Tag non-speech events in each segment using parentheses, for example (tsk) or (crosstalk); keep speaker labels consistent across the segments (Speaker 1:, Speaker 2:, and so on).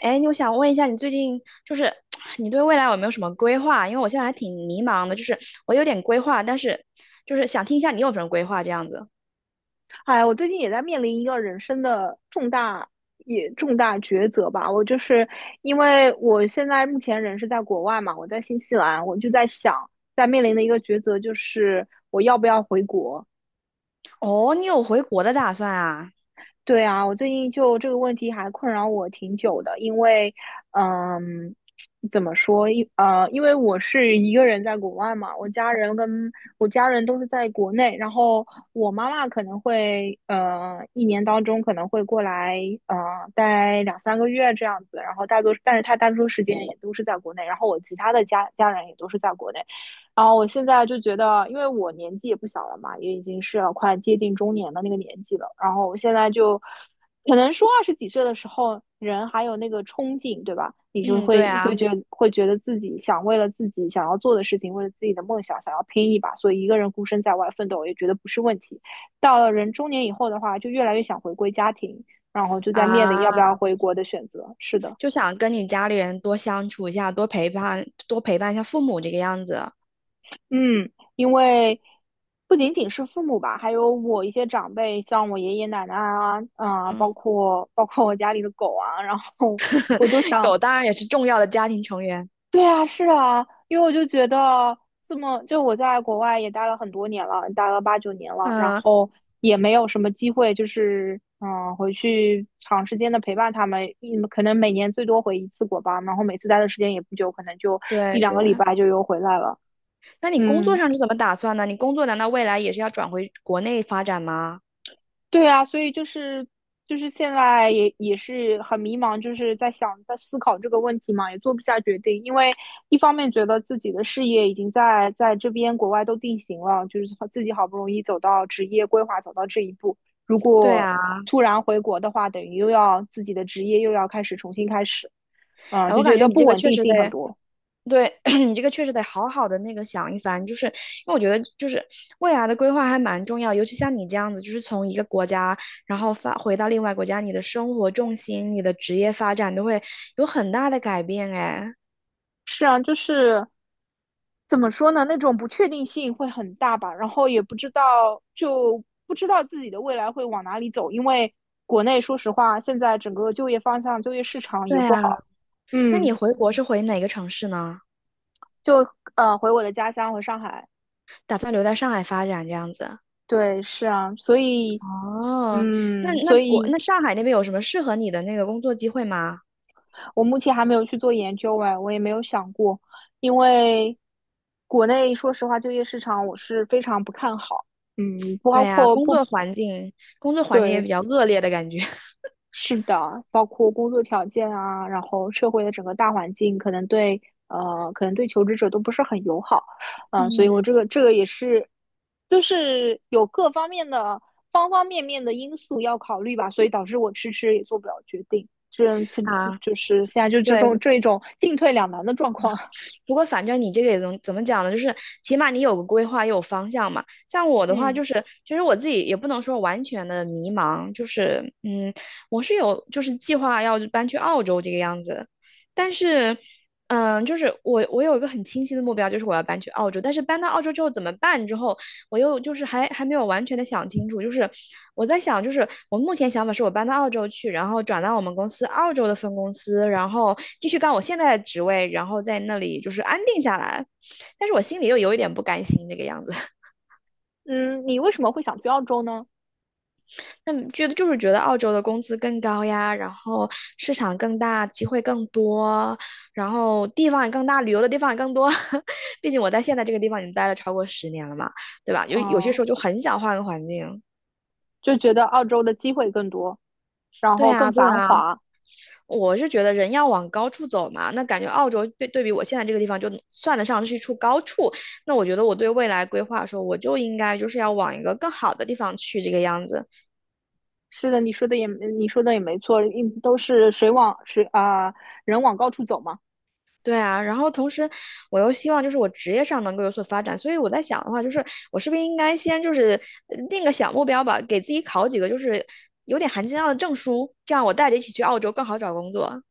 Speaker 1: 哎，我想问一下，你最近就是 (tsk) 你对未来有没有什么规划？因为我现在还挺迷茫的，就是我有点规划，但是就是想听一下你有什么规划这样子。
Speaker 2: 哎呀我最近也在面临一个人生的重大抉择吧。我就是因为我现在目前人是在国外嘛，我在新西兰，我就在想，在面临的一个抉择就是我要不要回国。
Speaker 1: 哦，你有回国的打算啊？
Speaker 2: 对啊，我最近就这个问题还困扰我挺久的，因为，嗯，怎么说？因为我是一个人在国外嘛，我家人都是在国内，然后我妈妈可能会，一年当中可能会过来，呃，待两三个月这样子，然后但是她大多数时间也都是在国内，然后我其他的家人也都是在国内，然后我现在就觉得，因为我年纪也不小了嘛，也已经是要快接近中年的那个年纪了。然后我现在就，可能说二十几岁的时候，人还有那个冲劲，对吧？你就
Speaker 1: 嗯，对
Speaker 2: 会会
Speaker 1: 啊，
Speaker 2: 觉得会觉得自己想为了自己想要做的事情，为了自己的梦想，想要拼一把。所以一个人孤身在外奋斗，也觉得不是问题。到了人中年以后的话，就越来越想回归家庭，然后就在面临要不要
Speaker 1: 啊，
Speaker 2: 回国的选择。是的。
Speaker 1: 就想跟你家里人多相处一下，多陪伴，多陪伴一下父母这个样子。
Speaker 2: 嗯，因为不仅仅是父母吧，还有我一些长辈，像我爷爷奶奶啊，
Speaker 1: 嗯，
Speaker 2: 包括我家里的狗啊，然后我都
Speaker 1: (laughs)
Speaker 2: 想，
Speaker 1: 狗当然也是重要的家庭成员。
Speaker 2: 对啊，是啊，因为我就觉得这么，就我在国外也待了很多年了，待了八九年了，然
Speaker 1: 嗯，
Speaker 2: 后也没有什么机会，就是回去长时间的陪伴他们，可能每年最多回一次国吧，然后每次待的时间也不久，可能就
Speaker 1: 对
Speaker 2: 一两个礼
Speaker 1: 对。
Speaker 2: 拜就又回来了，
Speaker 1: 那你工作
Speaker 2: 嗯。
Speaker 1: 上是怎么打算呢？你工作难道未来也是要转回国内发展吗？
Speaker 2: 对啊，所以就是现在也是很迷茫，就是在想在思考这个问题嘛，也做不下决定，因为一方面觉得自己的事业已经在这边国外都定型了，就是自己好不容易走到职业规划走到这一步，如
Speaker 1: 对
Speaker 2: 果
Speaker 1: 啊，
Speaker 2: 突然回国的话，等于又要自己的职业又要开始重新开始，
Speaker 1: 哎，我
Speaker 2: 就
Speaker 1: 感
Speaker 2: 觉
Speaker 1: 觉
Speaker 2: 得
Speaker 1: 你
Speaker 2: 不
Speaker 1: 这个
Speaker 2: 稳
Speaker 1: 确
Speaker 2: 定
Speaker 1: 实
Speaker 2: 性很
Speaker 1: 得。
Speaker 2: 多。
Speaker 1: 对 (clears throat) 你这个确实得好好的那个想一番，就是因为我觉得就是未来的规划还蛮重要，尤其像你这样子，就是从一个国家然后发回到另外国家，你的生活重心、你的职业发展都会有很大的改变。哎，
Speaker 2: 是啊，就是。怎么说呢？那种不确定性会很大吧，然后也不知道，就不知道自己的未来会往哪里走，因为国内说实话，现在整个就业方向、就业市场也
Speaker 1: 对
Speaker 2: 不
Speaker 1: 啊，
Speaker 2: 好。
Speaker 1: 那
Speaker 2: 嗯，
Speaker 1: 你回国是回哪个城市呢？
Speaker 2: 就回我的家乡，回上海。
Speaker 1: 打算留在上海发展这样子？
Speaker 2: 对，是啊，所以，
Speaker 1: 哦，那那
Speaker 2: 所
Speaker 1: 国
Speaker 2: 以
Speaker 1: 那上海那边有什么适合你的那个工作机会吗？
Speaker 2: 我目前还没有去做研究哎，我也没有想过，因为国内说实话，就业市场我是非常不看好。
Speaker 1: 对
Speaker 2: 包
Speaker 1: 啊，
Speaker 2: 括
Speaker 1: 工
Speaker 2: 不
Speaker 1: 作环境工作环境也
Speaker 2: 对，
Speaker 1: 比较恶劣的感觉。(laughs)
Speaker 2: 是的，包括工作条件啊，然后社会的整个大环境，可能对可能对求职者都不是很友好，所以我
Speaker 1: 嗯
Speaker 2: 这个也是，就是有各方面的方方面面的因素要考虑吧，所以导致我迟迟也做不了决定，
Speaker 1: 啊。
Speaker 2: 就是现在就这
Speaker 1: 对，
Speaker 2: 种这种进退两难的状况。(laughs)
Speaker 1: 不过反正你这个也怎么讲呢？就是起码你有个规划，也有方向嘛。像我的话，
Speaker 2: 嗯
Speaker 1: 就是其实我自己也不能说完全的迷茫，就是嗯，我是有就是计划要搬去澳洲这个样子，但是。嗯，就是我，我有一个很清晰的目标，就是我要搬去澳洲。但是搬到澳洲之后怎么办？之后我又就是还没有完全的想清楚，就是我在想，就是我目前想法是我搬到澳洲去，然后转到我们公司澳洲的分公司，然后继续干我现在的职位，然后在那里就是安定下来。但是我心里又有一点不甘心这个样子，
Speaker 2: 嗯，你为什么会想去澳洲呢？
Speaker 1: (laughs) 那觉得就是觉得澳洲的工资更高呀，然后市场更大，机会更多，然后地方也更大，旅游的地方也更多。(laughs) 毕竟我在现在这个地方已经待了超过十年了嘛，对吧？有些
Speaker 2: 嗯，
Speaker 1: 时候就很想换个环境。
Speaker 2: 就觉得澳洲的机会更多，然
Speaker 1: 对
Speaker 2: 后更
Speaker 1: 啊，对
Speaker 2: 繁
Speaker 1: 啊。
Speaker 2: 华，
Speaker 1: 我是觉得人要往高处走嘛，那感觉澳洲对比我现在这个地方，就算得上是一处高处。那我觉得我对未来规划说，我就应该就是要往一个更好的地方去，这个样子。
Speaker 2: 是的，你说的也没错，都是水往水啊、人往高处走嘛。
Speaker 1: 对啊，然后同时我又希望就是我职业上能够有所发展，所以我在想的话，就是我是不是应该先就是呃定个小目标吧，给自己考几个就是有点含金量的证书，这样我带着一起去澳洲更好找工作。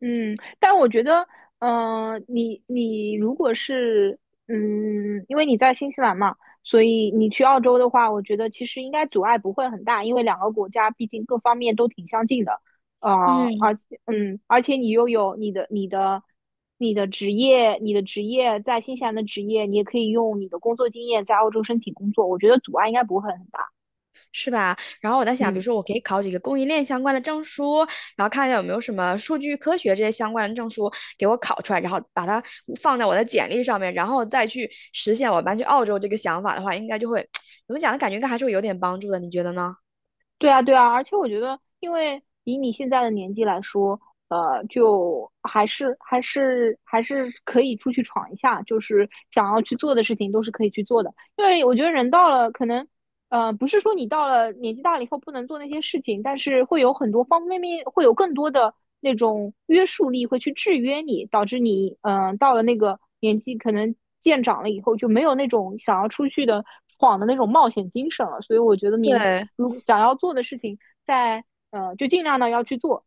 Speaker 2: 嗯，但我觉得，你如果是因为你在新西兰嘛，所以你去澳洲的话，我觉得其实应该阻碍不会很大，因为两个国家毕竟各方面都挺相近的。啊、
Speaker 1: 嗯
Speaker 2: 而而且你又有你的职业，你的职业在新西兰的职业，你也可以用你的工作经验在澳洲申请工作，我觉得阻碍应该不会很大。
Speaker 1: 是吧？然后我在想，比
Speaker 2: 嗯。
Speaker 1: 如说我可以考几个供应链相关的证书，然后看一下有没有什么数据科学这些相关的证书给我考出来，然后把它放在我的简历上面，然后再去实现我搬去澳洲这个想法的话，应该就会 (tsk) 怎么讲呢？感觉应该还是会有点帮助的，你觉得呢？
Speaker 2: 对啊，对啊，而且我觉得，因为以你现在的年纪来说，就还是可以出去闯一下，就是想要去做的事情都是可以去做的。因为我觉得人到了可能不是说你到了年纪大了以后不能做那些事情，但是会有很多方方面面，会有更多的那种约束力会去制约你，导致你，到了那个年纪，可能渐长了以后就没有那种想要出去的闯的那种冒险精神了。所以我觉得
Speaker 1: 对，
Speaker 2: 如想要做的事情在，就尽量的要去做。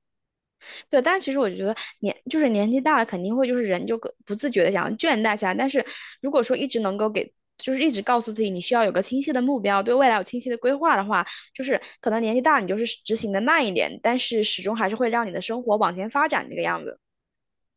Speaker 1: 对，但是其实我就觉得年就是年纪大了，肯定会就是人就个不自觉的想要倦怠下来。但是如果说一直能够给，就是一直告诉自己你需要有个清晰的目标，对未来有清晰的规划的话，就是可能年纪大了你就是执行的慢一点，但是始终还是会让你的生活往前发展这个样子。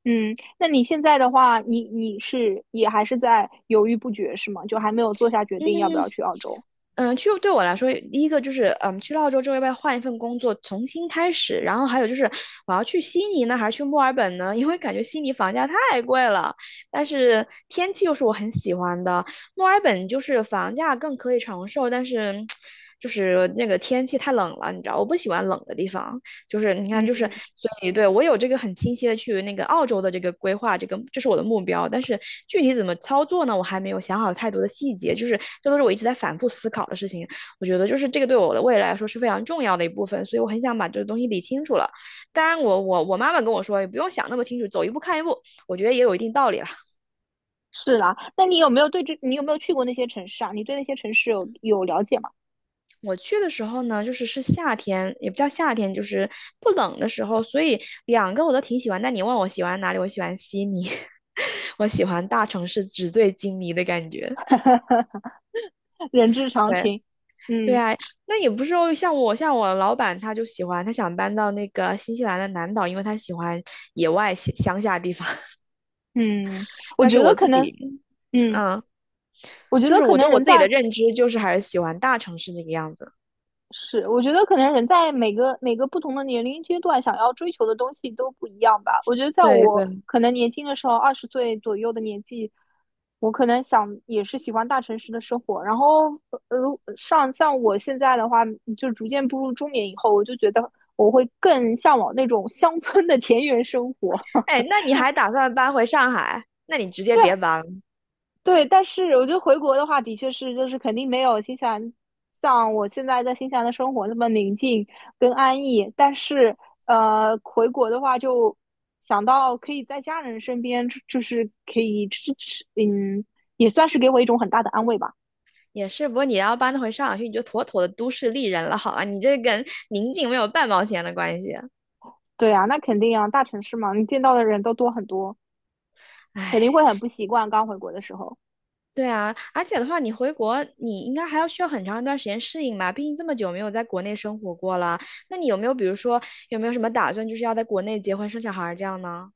Speaker 2: 嗯，那你现在的话，你是也还是在犹豫不决是吗？就还没有做下决定要不
Speaker 1: 嗯，
Speaker 2: 要去澳洲？
Speaker 1: 嗯，去对我来说，第一个就是，嗯，去了澳洲之后要不要换一份工作，重新开始？然后还有就是，我要去悉尼呢，还是去墨尔本呢？(laughs) 因为感觉悉尼房价太贵了，但是天气又是我很喜欢的。墨尔本就是房价更可以承受，但是 (tsk) 就是那个天气太冷了，你知道，我不喜欢冷的地方。就是你看，就
Speaker 2: 嗯。
Speaker 1: 是所以对我有这个很清晰的去那个澳洲的这个规划，这个这是我的目标，但是具体怎么操作呢，我还没有想好太多的细节，就是这都是我一直在反复思考的事情。我觉得就是这个对我的未来来说是非常重要的一部分，所以我很想把这个东西理清楚了。当然我，我妈妈跟我说，也不用想那么清楚，走一步看一步，我觉得也有一定道理。了。
Speaker 2: 是啦，那你有没有你有没有去过那些城市啊？你对那些城市有了解吗？
Speaker 1: 我去的时候呢，就是是夏天，也不叫夏天，就是不冷的时候，所以两个我都挺喜欢。那你问我喜欢哪里，我喜欢悉尼，(laughs) 我喜欢大城市纸醉金迷的感觉。
Speaker 2: (laughs) 人之常
Speaker 1: 对
Speaker 2: 情。
Speaker 1: 对
Speaker 2: 嗯
Speaker 1: 啊，那也不是说像我老板他就喜欢，他想搬到那个新西兰的南岛，因为他喜欢野外乡下地方。(laughs)
Speaker 2: 嗯，我
Speaker 1: 但是
Speaker 2: 觉
Speaker 1: 我
Speaker 2: 得可
Speaker 1: 自
Speaker 2: 能，
Speaker 1: 己，
Speaker 2: 嗯，
Speaker 1: 嗯，
Speaker 2: 我觉
Speaker 1: 就
Speaker 2: 得
Speaker 1: 是
Speaker 2: 可
Speaker 1: 我对
Speaker 2: 能
Speaker 1: 我
Speaker 2: 人
Speaker 1: 自己的
Speaker 2: 在
Speaker 1: 认知就是还是喜欢大城市那个样子。
Speaker 2: 是，我觉得可能人在每个不同的年龄阶段，想要追求的东西都不一样吧。我觉得在
Speaker 1: 对
Speaker 2: 我
Speaker 1: 对，
Speaker 2: 可能年轻的时候，20岁左右的年纪，我可能想也是喜欢大城市的生活。然后，像我现在的话，就逐渐步入中年以后，我就觉得我会更向往那种乡村的田园生活。
Speaker 1: 哎，
Speaker 2: (laughs)
Speaker 1: 那你还打算搬回上海？那你直接
Speaker 2: 对，
Speaker 1: 别搬了。
Speaker 2: 对，但是我觉得回国的话，的确是就是肯定没有新西兰像我现在在新西兰的生活那么宁静跟安逸。但是回国的话，就想到可以在家人身边，就是可以支持，也算是给我一种很大的安慰吧。
Speaker 1: 也是，不过你要搬回上海去，你就妥妥的都市丽人了，好吧？你这跟宁静没有半毛钱的关系。
Speaker 2: 对啊，那肯定啊，大城市嘛，你见到的人都多很多，肯定
Speaker 1: 唉，
Speaker 2: 会很不习惯刚回国的时候。
Speaker 1: 对啊，而且的话，你回国，你应该还要需要很长一段时间适应吧？毕竟这么久没有在国内生活过了。那你有没有，比如说，有没有什么打算，就是要在国内结婚生小孩儿这样呢？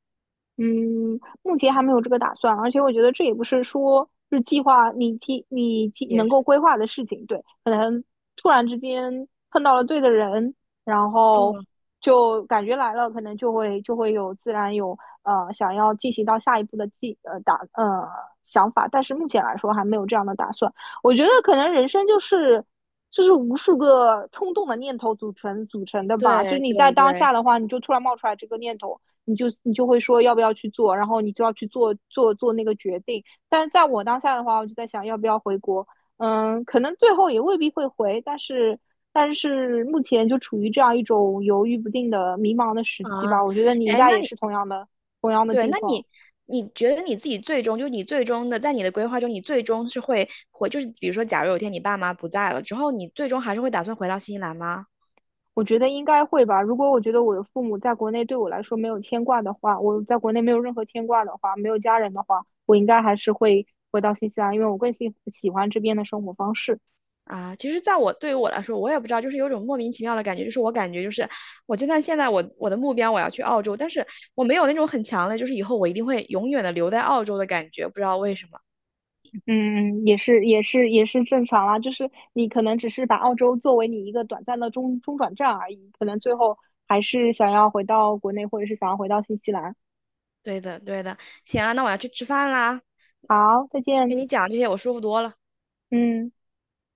Speaker 2: 嗯，目前还没有这个打算，而且我觉得这也不是说是计划你计你计
Speaker 1: 也
Speaker 2: 能
Speaker 1: 是，
Speaker 2: 够规划的事情，对，可能突然之间碰到了对的人，然后
Speaker 1: 嗯，
Speaker 2: 就感觉来了，可能就会自然有想要进行到下一步的想法，但是目前来说还没有这样的打算。我觉得可能人生就是无数个冲动的念头组成的吧，就
Speaker 1: 对
Speaker 2: 是你在
Speaker 1: 对
Speaker 2: 当
Speaker 1: 对，
Speaker 2: 下的话，你就突然冒出来这个念头。你就会说要不要去做，然后你就要去做那个决定。但是在我当下的话，我就在想要不要回国，可能最后也未必会回，但是目前就处于这样一种犹豫不定的迷茫的时期
Speaker 1: 啊，
Speaker 2: 吧。我觉得你应
Speaker 1: 哎，
Speaker 2: 该
Speaker 1: 那
Speaker 2: 也
Speaker 1: 你。
Speaker 2: 是同样的
Speaker 1: 对，
Speaker 2: 境
Speaker 1: 那
Speaker 2: 况，
Speaker 1: 你你觉得你自己最终，就是你最终的，在你的规划中，你最终是会回，就是比如说，假如有一天你爸妈不在了之后，你最终还是会打算回到新西兰吗？
Speaker 2: 我觉得应该会吧。如果我觉得我的父母在国内对我来说没有牵挂的话，我在国内没有任何牵挂的话，没有家人的话，我应该还是会回到新西兰，因为我更喜欢这边的生活方式。
Speaker 1: 啊，其实，在我对于我来说，我也不知道，就是有种莫名其妙的感觉，就是我感觉就是，我就算现在我的目标我要去澳洲，但是我没有那种很强的，就是以后我一定会永远的留在澳洲的感觉，不知道为什么。
Speaker 2: 嗯，嗯也是，也是，也是正常啦。就是你可能只是把澳洲作为你一个短暂的中转站而已，可能最后还是想要回到国内，或者是想要回到新西兰。
Speaker 1: 对的，对的，行啊，那我要去吃饭啦，
Speaker 2: 好，再
Speaker 1: 跟
Speaker 2: 见。
Speaker 1: 你讲这些我舒服多了。
Speaker 2: 嗯。